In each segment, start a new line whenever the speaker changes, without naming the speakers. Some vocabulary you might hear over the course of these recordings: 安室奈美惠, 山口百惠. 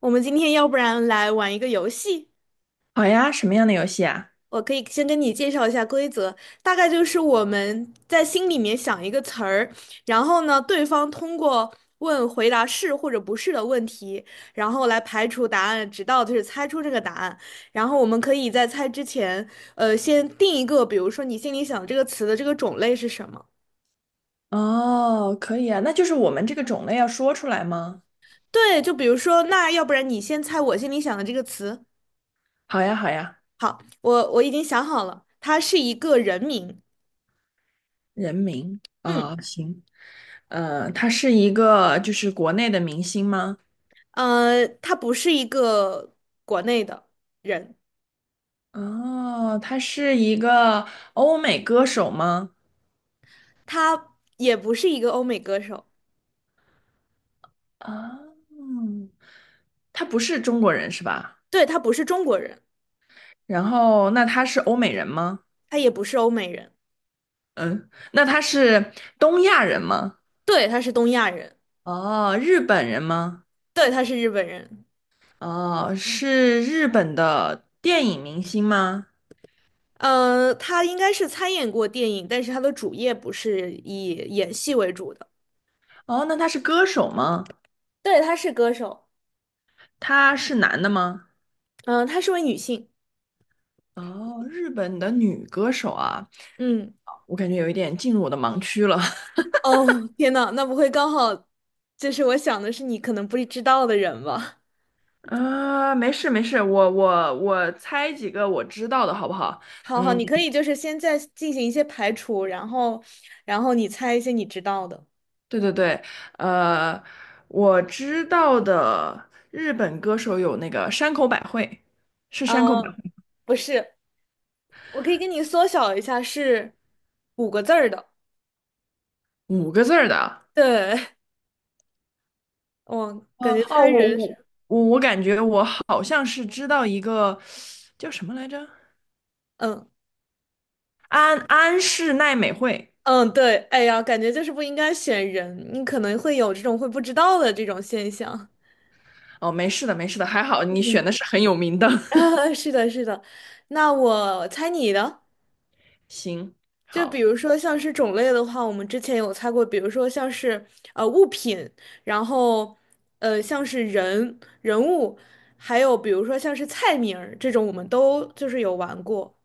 我们今天要不然来玩一个游戏，
好呀，什么样的游戏啊？
我可以先跟你介绍一下规则，大概就是我们在心里面想一个词儿，然后呢，对方通过问回答是或者不是的问题，然后来排除答案，直到就是猜出这个答案。然后我们可以在猜之前，先定一个，比如说你心里想这个词的这个种类是什么？
哦，可以啊，那就是我们这个种类要说出来吗？
对，就比如说，那要不然你先猜我心里想的这个词，
好呀，好呀，
我已经想好了，它是一个人名。
人名
嗯。
啊，行，他是一个就是国内的明星吗？
他不是一个国内的人，
哦，他是一个欧美歌手吗？
他也不是一个欧美歌手，
啊，他不是中国人是吧？
对，他不是中国人，
然后那他是欧美人吗？
他也不是欧美人，
嗯，那他是东亚人吗？
对，他是东亚人，
哦，日本人吗？
对，他是日本人。
哦，是日本的电影明星吗？
他应该是参演过电影，但是他的主业不是以演戏为主的。
哦，那他是歌手吗？
对，她是歌手，
他是男的吗？
嗯、她是位女性。
哦，日本的女歌手啊，
嗯，
我感觉有一点进入我的盲区了。
哦，天呐，那不会刚好就是我想的是你可能不知道的人吧？
啊，没事没事，我猜几个我知道的好不好？
好好，
嗯，
你可以就是先在进行一些排除，然后，然后你猜一些你知道的。
对对对，呃，我知道的日本歌手有那个山口百惠，是山口百
呃，
惠，
不是，我可以给你缩小一下，是五个字儿的。
五个字儿的。
对，我
呃，
感觉
哦，
猜
我
人
我
是
我我感觉我好像是知道一个叫什么来着，
嗯
安室奈美惠。
嗯，对，哎呀，感觉就是不应该选人，你可能会有这种会不知道的这种现象。
哦，没事的，没事的，还好你选
嗯，
的是很有名的。
啊，是的，是的。那我猜你的。
行，
就比
好，
如说像是种类的话，我们之前有猜过，比如说像是物品，然后像是人物，还有比如说像是菜名儿这种，我们都就是有玩过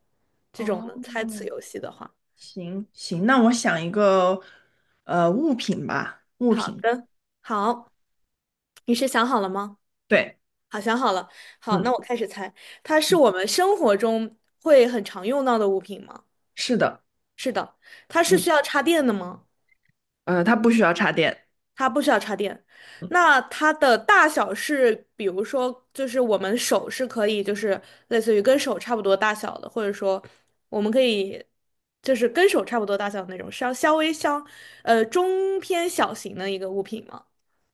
这种
哦，
的猜词游戏的话。
行行，那我想一个物品吧，物
好
品，
的，好，你是想好了吗？
对，
好，想好了。好，那
嗯，
我开始猜，它是我们生活中会很常用到的物品吗？
是的，
是的，它是
嗯，
需要插电的吗？
呃，它不需要插电，
它不需要插电。
嗯，
那它的大小是，比如说，就是我们手是可以，就是类似于跟手差不多大小的，或者说我们可以就是跟手差不多大小的那种，稍稍微相呃中偏小型的一个物品吗？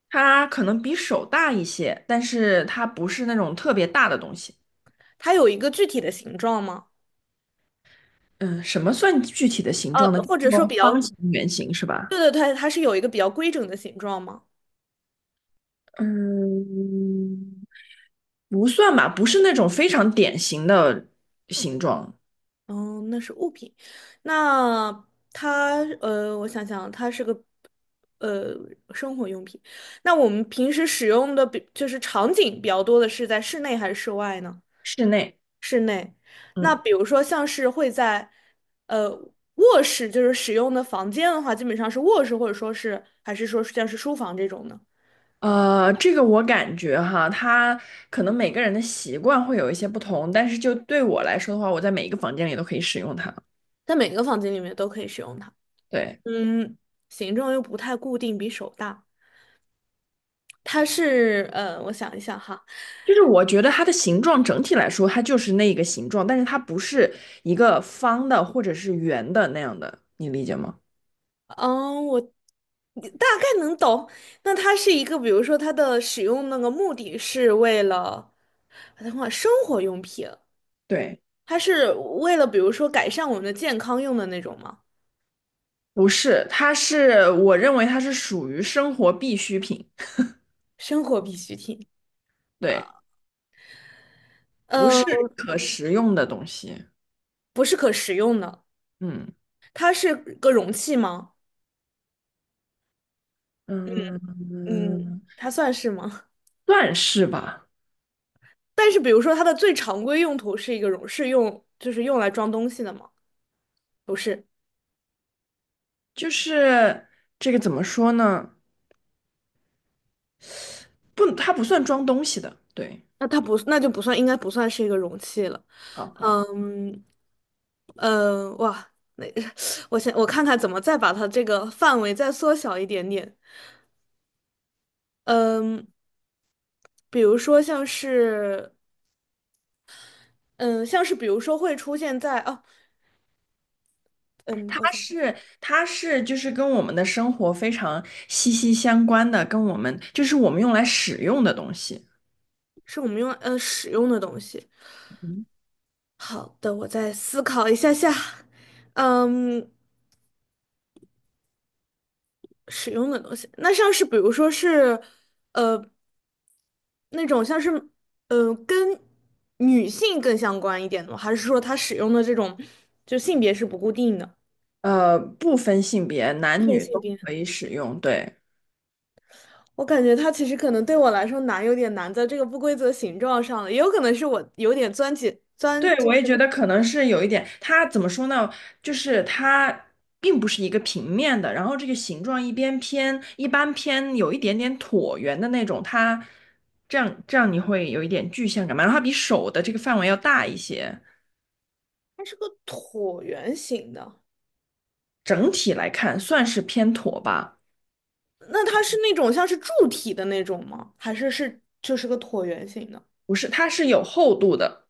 它可能比手大一些，但是它不是那种特别大的东西。
它有一个具体的形状吗？
嗯，什么算具体的形状呢？就
或
是
者说比
说方
较，
形、圆形是吧？
对对对它是有一个比较规整的形状吗？
嗯，不算吧，不是那种非常典型的形状。
哦，那是物品。那它呃，我想想，它是个呃生活用品。那我们平时使用的，就是场景比较多的是在室内还是室外呢？
室内，
室内。那
嗯，
比如说像是会在呃卧室，就是使用的房间的话，基本上是卧室，或者说是还是说是像是书房这种呢？
这个我感觉哈，它可能每个人的习惯会有一些不同，但是就对我来说的话，我在每一个房间里都可以使用它。
在每个房间里面都可以使用它。
对，
嗯，形状又不太固定，比手大。它是我想一想哈。
就是我觉得它的形状整体来说，它就是那个形状，但是它不是一个方的或者是圆的那样的，你理解吗？
嗯，我大概能懂。那它是一个，比如说它的使用那个目的是为了，等会儿生活用品，
对。
它是为了比如说改善我们的健康用的那种吗？
不是，它是我认为它是属于生活必需品，
生活必需品，
对，不
嗯，
是可食用的东西。
不是可食用的，
嗯
它是个容器吗？嗯，
嗯，
它算是吗？
算是吧，
但是比如说它的最常规用途是一个容，是用就是用来装东西的吗？不是，
就是这个怎么说呢？不，它不算装东西的，对。
那它不，那就不算，应该不算是一个容器了。
好好，
嗯，嗯哇，那 我看看怎么再把它这个范围再缩小一点点。嗯，比如说像是，嗯，像是比如说会出现在哦，嗯，
它
我想
是它是就是跟我们的生活非常息息相关的，跟我们就是我们用来使用的东西。
是我们用使用的东西。
嗯
好的，我再思考一下下。嗯，使用的东西，那像是比如说是，呃，那种像是，跟女性更相关一点的吗，还是说它使用的这种就性别是不固定的？
不分性别，
部
男
分
女
性
都
别。
可以使用，对。
我感觉它其实可能对我来说难，有点难在这个不规则形状上了，也有可能是我有点钻，
对，
就
我也
是
觉得可能是有一点，它怎么说呢？就是它并不是一个平面的，然后这个形状一边偏一般偏有一点点椭圆的那种，它这样你会有一点具象感嘛？然后它比手的这个范围要大一些，
它是个椭圆形的，
整体来看算是偏椭吧，
那它是那种像是柱体的那种吗？还是是就是个椭圆形的？
不是，它是有厚度的。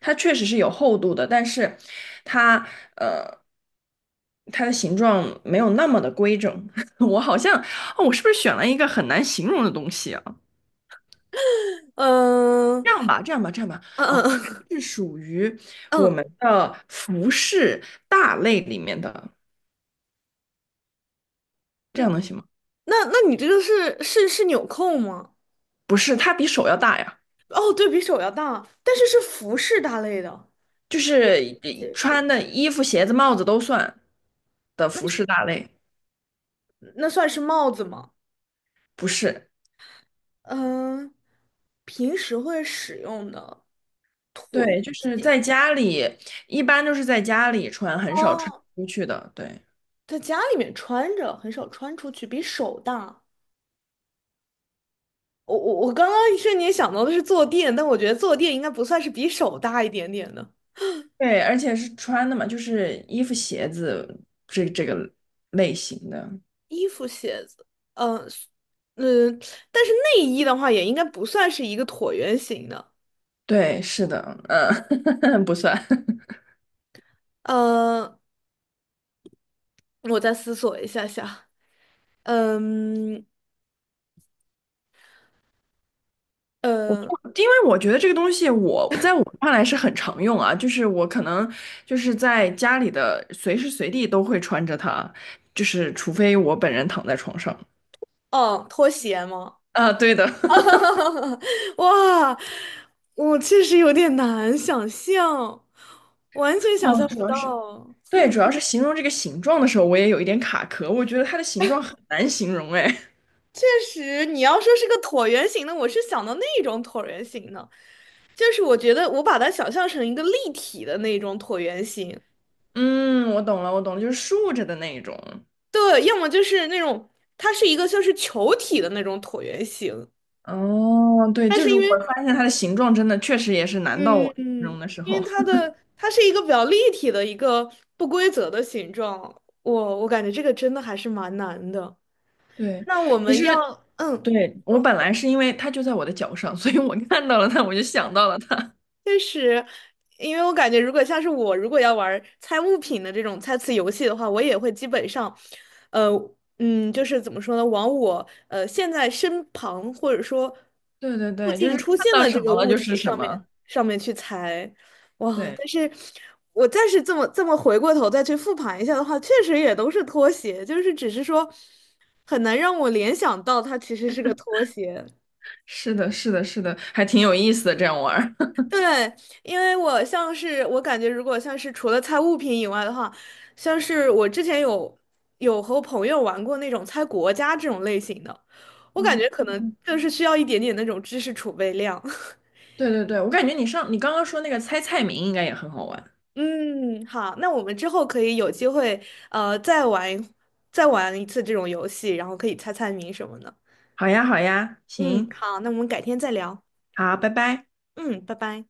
它确实是有厚度的，但是它呃，它的形状没有那么的规整。我好像，哦，我是不是选了一个很难形容的东西啊？
嗯
这样吧，这样吧，这样吧，
嗯
啊，
嗯
是属于我
嗯
们的服饰大类里面的，这样
嗯，
能行吗？
那那你这个是纽扣吗？
不是，它比手要大呀，
哦，对比手要大，但是是服饰大类的，
就是
这
穿的衣服、鞋子、帽子都算的服饰大类，
那算是帽子吗？
不是。
嗯，平时会使用的椭
对，
圆
就是
形。
在家里，一般都是在家里穿，很少穿
哦，
出去的。对，
在家里面穿着，很少穿出去，比手大。我刚刚一瞬间想到的是坐垫，但我觉得坐垫应该不算是比手大一点点的。
对，而且是穿的嘛，就是衣服、鞋子这个类型的。
衣服、鞋子，嗯、呃嗯，但是内衣的话也应该不算是一个椭圆形的。
对，是的，嗯，不算，
嗯，我再思索一下下。嗯呃
因为我觉得这个东西我在我看来是很常用啊，就是我可能就是在家里的随时随地都会穿着它，就是除非我本人躺在床上。
哦，拖鞋吗？
啊，对的。
哇，我确实有点难想象，完 全想
哦，
象
主
不
要是。
到。
对，主要是形容这个形状的时候，我也有一点卡壳。我觉得它的形状很难形容，哎，
确实，你要说是个椭圆形的，我是想到那种椭圆形的，就是我觉得我把它想象成一个立体的那种椭圆形，
嗯，我懂了，我懂了，就是竖着的那一种。
对，要么就是那种它是一个像是球体的那种椭圆形，
哦，对，
但
就
是
是
因
我
为
发现它的形状真的确实也是难到
嗯
我形
嗯，
容的时
因
候。
为它 的它是一个比较立体的一个不规则的形状，我感觉这个真的还是蛮难的。
对，
那我
其
们
实
要嗯。
对我
说
本来是因为它就在我的脚上，所以我看到了它，我就想到了它。
确实，因为我感觉，如果像是我，如果要玩儿猜物品的这种猜词游戏的话，我也会基本上，呃，嗯，就是怎么说呢，往我现在身旁或者说
对对
附
对，就
近
是看
出现
到
的
什
这个
么了
物
就是
体
什么。
上面去猜，哇！
对，
但是我再是这么回过头再去复盘一下的话，确实也都是拖鞋，就是只是说很难让我联想到它其实是个拖鞋。
是的，是的，是的，还挺有意思的，这样玩儿。
对，因为我像是我感觉，如果像是除了猜物品以外的话，像是我之前有和朋友玩过那种猜国家这种类型的，我感觉可能
嗯
就是需要一点点那种知识储备量。
对对对，我感觉你刚刚说那个猜菜名应该也很好玩。
嗯，好，那我们之后可以有机会呃再玩一再玩一次这种游戏，然后可以猜猜谜什么的。
好呀，好呀，
嗯，
行，
好，那我们改天再聊。
好，拜拜。
嗯，拜拜。